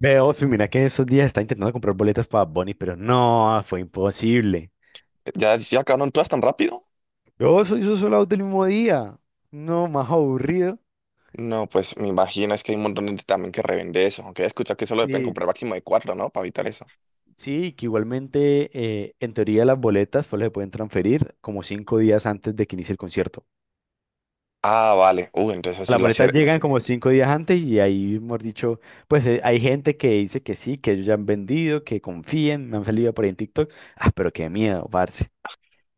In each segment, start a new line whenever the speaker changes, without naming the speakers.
Ve, Ofi, mira que esos días está intentando comprar boletas para Bonnie, pero no, fue imposible.
¿Ya acabaron todas tan rápido?
Yo soy esos solados del mismo día. No, más aburrido.
No, pues me imagino, es que hay un montón de gente también que revende eso, aunque he escuchado que solo deben
Sí,
comprar máximo de cuatro, ¿no? Para evitar eso.
sí, que igualmente, en teoría las boletas solo se pueden transferir como cinco días antes de que inicie el concierto.
Ah, vale. Uy, entonces así
Las
lo
boletas
hacer.
llegan como cinco días antes y ahí, hemos dicho, pues hay gente que dice que sí, que ellos ya han vendido, que confíen, me han salido por ahí en TikTok. Ah, pero qué miedo, parce.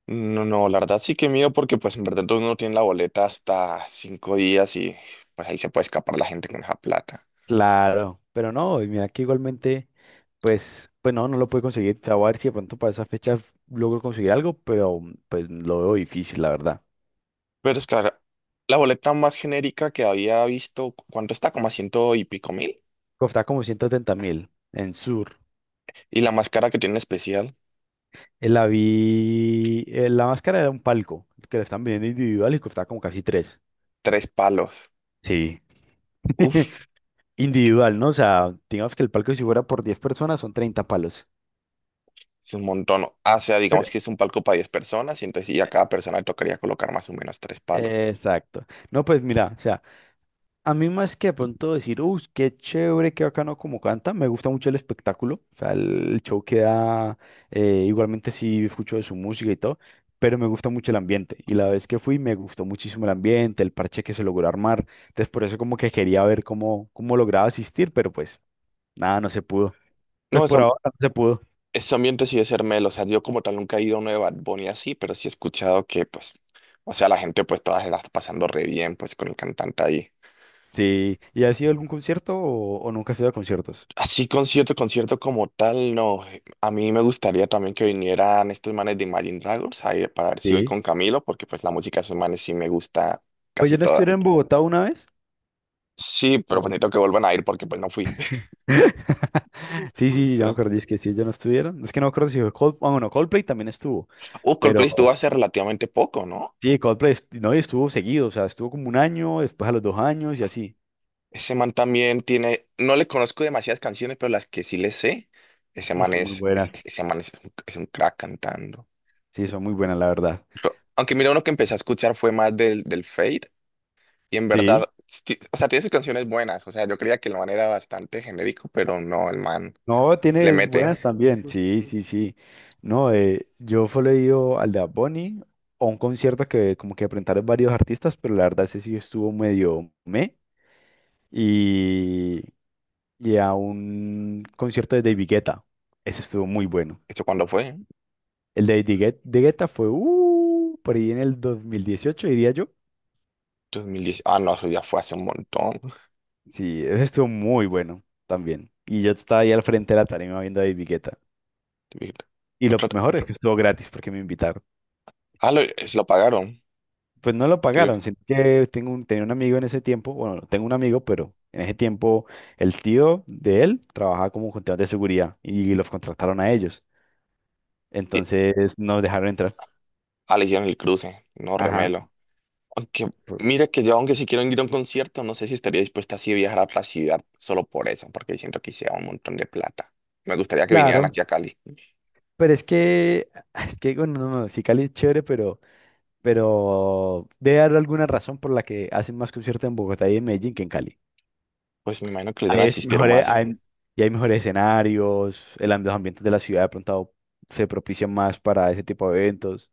No, no, la verdad sí que miedo porque pues en verdad uno no tiene la boleta hasta cinco días y pues ahí se puede escapar la gente con esa plata.
Claro, pero no, y mira que igualmente, pues no, no lo pude conseguir. Te voy a ver si de pronto para esa fecha logro conseguir algo, pero pues lo veo difícil, la verdad.
Pero es que ahora, la boleta más genérica que había visto, ¿cuánto está? Como a ciento y pico mil.
Costaba como 130 mil en Sur.
Y la más cara que tiene especial,
La vi, la máscara era un palco, que la están vendiendo individual y costaba como casi tres.
tres palos.
Sí, individual, ¿no? O sea, digamos que el palco si fuera por 10 personas son 30 palos.
Es un montón. O sea, digamos
Pero-
que es un palco para 10 personas y entonces a cada persona le tocaría colocar más o menos tres palos.
Exacto. No, pues mira, o sea. A mí más que de pronto decir, uy, qué chévere, qué bacano como canta, me gusta mucho el espectáculo, o sea, el show que da, igualmente sí escucho de su música y todo, pero me gusta mucho el ambiente, y la vez que fui me gustó muchísimo el ambiente, el parche que se logró armar, entonces por eso como que quería ver cómo lograba asistir, pero pues nada, no se pudo, pues
No, esa-
por ahora no se pudo,
ese ambiente sí debe ser melo. O sea, yo como tal nunca he ido a una de Bad Bunny así, pero sí he escuchado que, pues, o sea, la gente pues todas se la está pasando re bien, pues, con el cantante ahí.
sí, ¿y has ido a algún concierto o nunca has ido a conciertos?
Así concierto, concierto como tal, no. A mí me gustaría también que vinieran estos manes de Imagine Dragons ahí para ver si voy
Sí.
con Camilo, porque pues la música de esos manes sí me gusta
Pues
casi
yo no
toda.
estuve en Bogotá una vez.
Sí, pero pues necesito que vuelvan a ir porque pues no fui.
Sí, sí,
Sí.
ya me acuerdo, es que si ellos no estuvieron, es que no me acuerdo si fue Coldplay, bueno, Coldplay también estuvo,
Coldplay
pero
estuvo hace relativamente poco, ¿no?
sí, Coldplay, no, y estuvo seguido, o sea, estuvo como un año, después a los dos años y así.
Ese man también tiene, no le conozco demasiadas canciones, pero las que sí le sé, ese
No,
man
son muy buenas,
es- ese man es un crack cantando.
sí, son muy buenas, la verdad.
Aunque mira, uno que empecé a escuchar fue más del Fade, y en
Sí,
verdad, o sea, tiene sus canciones buenas, o sea, yo creía que el man era bastante genérico, pero no, el man
no,
le
tiene
mete.
buenas también, sí, sí, sí. No, yo fui leído al de Bad Bunny, a un concierto que como que presentaron varios artistas, pero la verdad ese sí estuvo medio me. y y a un concierto de David Guetta. Ese estuvo muy bueno.
¿Esto cuándo fue?
El de de Guetta fue por ahí en el 2018 diría yo.
Dos mil diez. Ah, no, eso ya fue hace un montón.
Sí, ese estuvo muy bueno también. Y yo estaba ahí al frente de la tarima viendo a David Guetta. Y lo
Otra-
mejor es que estuvo gratis porque me invitaron.
Ah, lo, se lo pagaron.
Pues no lo
Creo.
pagaron, sino que tengo un, tenía un amigo en ese tiempo, bueno, no tengo un amigo, pero en ese tiempo el tío de él trabajaba como contador de seguridad y los contrataron a ellos.
Y-
Entonces nos dejaron entrar.
Ah, le hicieron el cruce. No,
Ajá.
remelo. Aunque,
fue-
mira que yo, aunque si quiero ir a un concierto, no sé si estaría dispuesta así a viajar a otra ciudad solo por eso, porque siento que sea un montón de plata. Me gustaría que vinieran
Claro.
aquí a Cali.
Pero es que, es que, bueno, no, no, sí Cali es chévere, pero, debe haber alguna razón por la que hacen más conciertos en Bogotá y en Medellín que en Cali.
Pues me imagino que les van
Ahí
a
es
asistir
mejor,
más.
y hay mejores escenarios, los ambientes de la ciudad de pronto se propician más para ese tipo de eventos.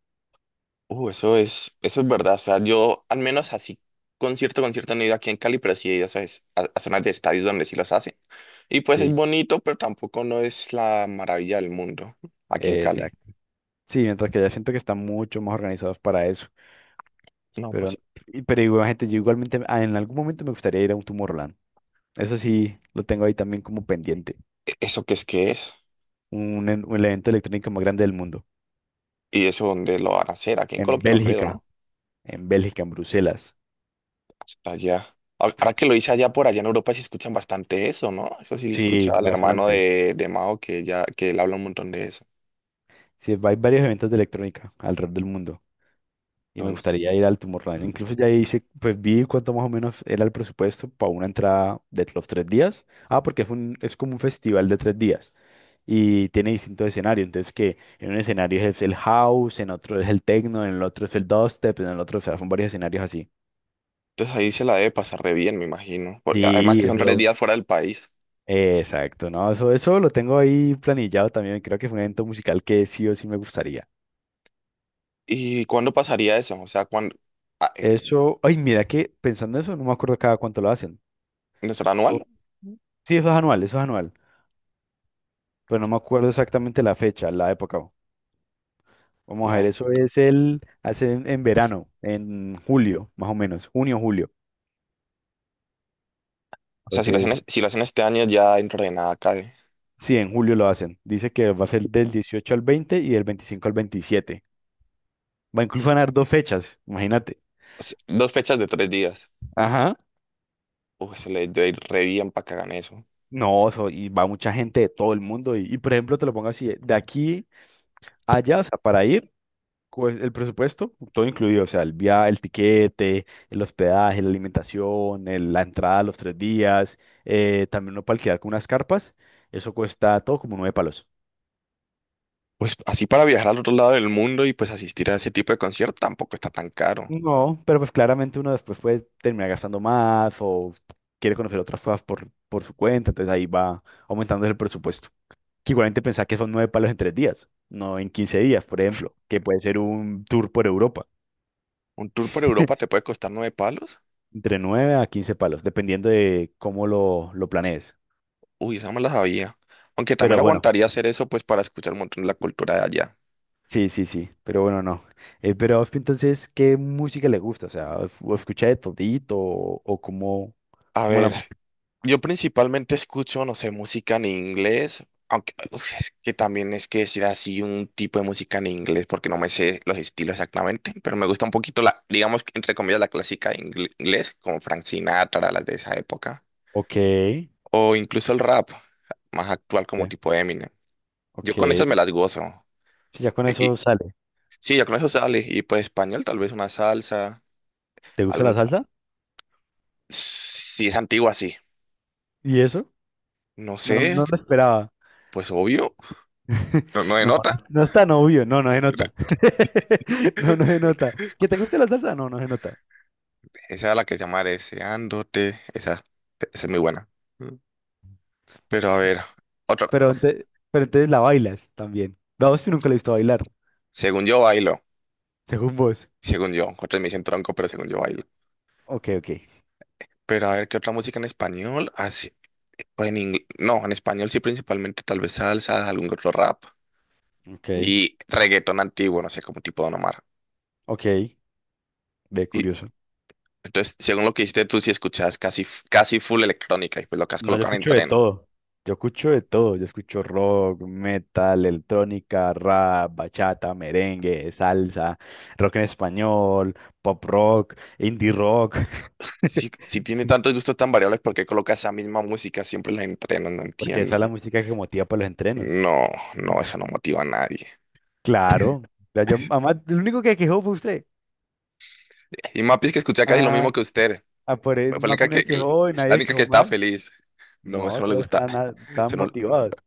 Eso es verdad. O sea, yo al menos así, concierto, concierto no he ido aquí en Cali, pero sí he ido, ¿sabes? A zonas de estadios donde sí los hacen. Y pues es
Sí,
bonito, pero tampoco no es la maravilla del mundo aquí en Cali.
exacto. Sí, mientras que ya siento que están mucho más organizados para eso.
No,
Pero,
pues,
pero igual, gente, yo igualmente en algún momento me gustaría ir a un Tomorrowland. Eso sí, lo tengo ahí también como pendiente.
¿eso qué es que es?
Un evento electrónico más grande del mundo.
¿Y eso dónde lo van a hacer? Aquí en
En
Colombia no creo,
Bélgica,
¿no?
en Bélgica, en Bruselas.
Hasta allá. Ahora que lo hice allá por allá en Europa, sí escuchan bastante eso, ¿no? Eso sí le
Sí,
escucha al hermano
bastante.
de Mao que ya que él habla un montón de eso.
Sí, hay varios eventos de electrónica alrededor del mundo y me
Entonces,
gustaría ir al Tomorrowland. Incluso ya hice, pues vi cuánto más o menos era el presupuesto para una entrada de los tres días. Ah, porque es un, es como un festival de tres días y tiene distintos escenarios. Entonces, que en un escenario es el house, en otro es el techno, en el otro es el dubstep, en el otro, o sea, son varios escenarios así.
entonces ahí se la debe pasar re bien, me imagino, porque además
Sí,
que son tres
eso.
días fuera del país.
Exacto, no, eso lo tengo ahí planillado también. Creo que fue un evento musical que sí o sí me gustaría.
¿Y cuándo pasaría eso? O sea, ¿cuándo? Ah, eh,
Eso, ay, mira que pensando eso, no me acuerdo cada cuánto lo hacen.
¿No será
O-
anual?
Sí, eso es anual, pero no me acuerdo exactamente la fecha, la época. Vamos a ver,
La-
eso es el, hacen en verano, en julio, más o menos, junio, julio.
o sea, si lo hacen,
Entonces,
si lo hacen este año, ya dentro de nada cae.
sí, en julio lo hacen. Dice que va a ser del 18 al 20 y del 25 al 27. Va a incluir ganar dos fechas, imagínate.
O sea, dos fechas de tres días.
Ajá.
Uy, se le debe ir re bien para que hagan eso.
No, eso, y va mucha gente de todo el mundo. Por ejemplo, te lo pongo así, de aquí a allá, o sea, para ir, pues, el presupuesto, todo incluido, o sea, el viaje, el tiquete, el hospedaje, la alimentación, la entrada a los tres días, también uno para alquilar con unas carpas, eso cuesta todo como 9 palos.
Pues así para viajar al otro lado del mundo y pues asistir a ese tipo de concierto tampoco está tan caro.
No, pero pues claramente uno después puede terminar gastando más o quiere conocer otras cosas por su cuenta, entonces ahí va aumentando el presupuesto. Que igualmente pensar que son 9 palos en tres días, no en 15 días, por ejemplo, que puede ser un tour por Europa,
Un tour por Europa te puede costar nueve palos.
entre 9 a 15 palos, dependiendo de cómo lo planees.
Uy, esa no me la sabía. Aunque también
Pero bueno,
aguantaría hacer eso, pues para escuchar un montón de la cultura de allá.
sí, sí, sí, pero bueno, no. Pero a entonces, ¿qué música le gusta? O sea, ¿o escucha de todito o cómo,
A
la...
ver, yo principalmente escucho, no sé, música en inglés. Aunque uf, es que también es que decir así un tipo de música en inglés, porque no me sé los estilos exactamente, pero me gusta un poquito la, digamos, que, entre comillas, la clásica de inglés, como Frank Sinatra, las de esa época.
Ok,
O incluso el rap, más actual como
ok,
tipo Eminem. Yo con esas me
ok.
las gozo.
Sí, ya con eso sale.
Sí, ya con eso sale. Y pues español, tal vez una salsa,
¿Te gusta la
algún...
salsa?
Si es antigua, sí.
¿Y eso?
No
No,
sé,
no lo esperaba.
pues obvio. No, no
No,
denota.
no es tan obvio, no, no se nota. No, no se nota. ¿Que te guste la salsa? No, no se nota.
Esa es la que se llama Deseándote. Esa es muy buena. Mm. Pero a ver, otra.
Pero, pero entonces la bailas también. Daos que nunca la he visto bailar,
Según yo bailo.
según vos.
Según yo. Otros me dicen tronco, pero según yo bailo.
Ok, ok,
Pero a ver, ¿qué otra música en español? Así, o en no, en español sí, principalmente tal vez salsa, algún otro rap.
ok,
Y reggaetón antiguo, no sé, como tipo Don Omar.
ok. Ve,
Y
curioso.
entonces, según lo que dijiste tú, si escuchabas casi full electrónica y pues lo que has
No, yo
colocado en
escucho de
entreno.
todo. Yo escucho de todo, yo escucho rock, metal, electrónica, rap, bachata, merengue, salsa, rock en español, pop rock, indie rock,
Si tiene tantos gustos tan variables, ¿por qué colocas esa misma música siempre en el entreno? No
porque esa es
entiendo.
la música que motiva para los entrenos.
No, no, eso no motiva a nadie.
Claro. Además, el único que quejó fue usted.
Y Mapi es que escuchaba casi lo mismo
Ah,
que usted.
por él
Fue
más de bueno, quejó y
la
nadie se
única que
quejó
estaba
mal.
feliz. No, eso
No, todos
no le
bueno.
gusta.
Estaban,
Eso
estaban
no-
motivados.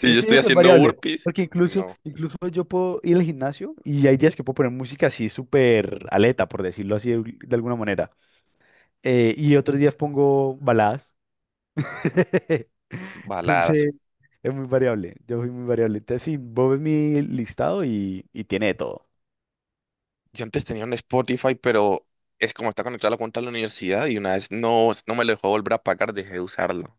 Si
Es
yo
que yo
estoy
creo que es
haciendo
variable,
burpees,
porque
no.
incluso yo puedo ir al gimnasio y hay días que puedo poner música así súper aleta, por decirlo así de alguna manera. Y otros días pongo baladas.
Baladas.
Entonces, es muy variable. Yo soy muy variable. Entonces, sí, vos ves mi listado y tiene de todo.
Yo antes tenía un Spotify, pero es como está conectado a la cuenta de la universidad y una vez no, no me lo dejó volver a pagar, dejé de usarlo.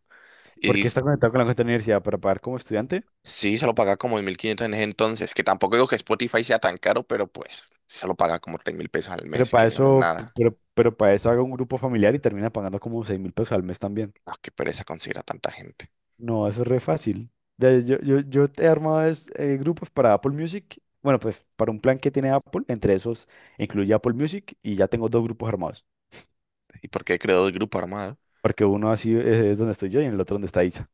Porque
Y
está conectado con la cuenta de la universidad para pagar como estudiante.
sí, se lo paga como 1.500 en ese entonces, que tampoco digo que Spotify sea tan caro, pero pues se lo paga como 3.000 pesos al
Pero
mes, que
para
eso no es
eso,
nada.
pero para eso haga un grupo familiar y termina pagando como 6000 pesos al mes también.
No, qué pereza conseguir a tanta gente.
No, eso es re fácil. Ya, Yo he armado grupos para Apple Music. Bueno, pues para un plan que tiene Apple, entre esos incluye Apple Music y ya tengo dos grupos armados.
¿Y por qué creó el grupo armado?
Porque uno así es donde estoy yo y en el otro donde está Isa.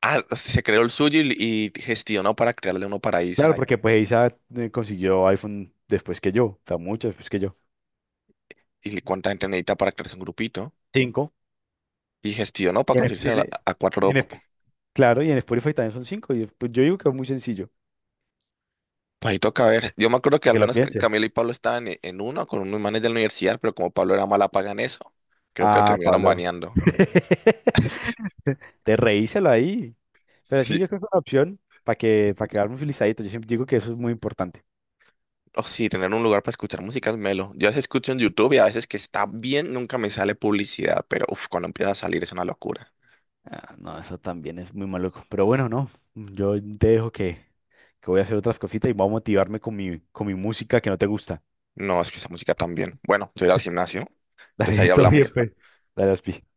Ah, se creó el suyo y gestionó para crearle uno para
Claro, ay,
Isa.
porque pues Isa consiguió iPhone después que yo, o sea, mucho después que yo.
¿Y cuánta gente necesita para crearse un grupito?
Cinco.
Y gestionó para
Y
conseguirse a, a
en-
cuatro
en- claro, y en Spotify también son cinco. Y pues yo digo que es muy sencillo,
pajitos caber. Yo me acuerdo que
para
al
que lo
menos
pienses.
Camila y Pablo estaban en uno con unos manes de la universidad, pero como Pablo era mala paga en eso, creo que lo
Ah,
terminaron
Pablo.
baneando.
Te reíselo ahí. Pero sí,
Sí.
yo creo que es una opción para para quedarme felicitadito. Yo siempre digo que eso es muy importante.
Oh, sí, tener un lugar para escuchar música es melo. Yo a veces escucho en YouTube y a veces que está bien, nunca me sale publicidad, pero uf, cuando empieza a salir es una locura.
Ah, no, eso también es muy maluco. Pero bueno, no. Yo te dejo que voy a hacer otras cositas y voy a motivarme con con mi música que no te gusta.
No, es que esa música también. Bueno, yo iré al gimnasio, entonces ahí
Dale, todo bien,
hablamos.
pues. Dale, Ospi.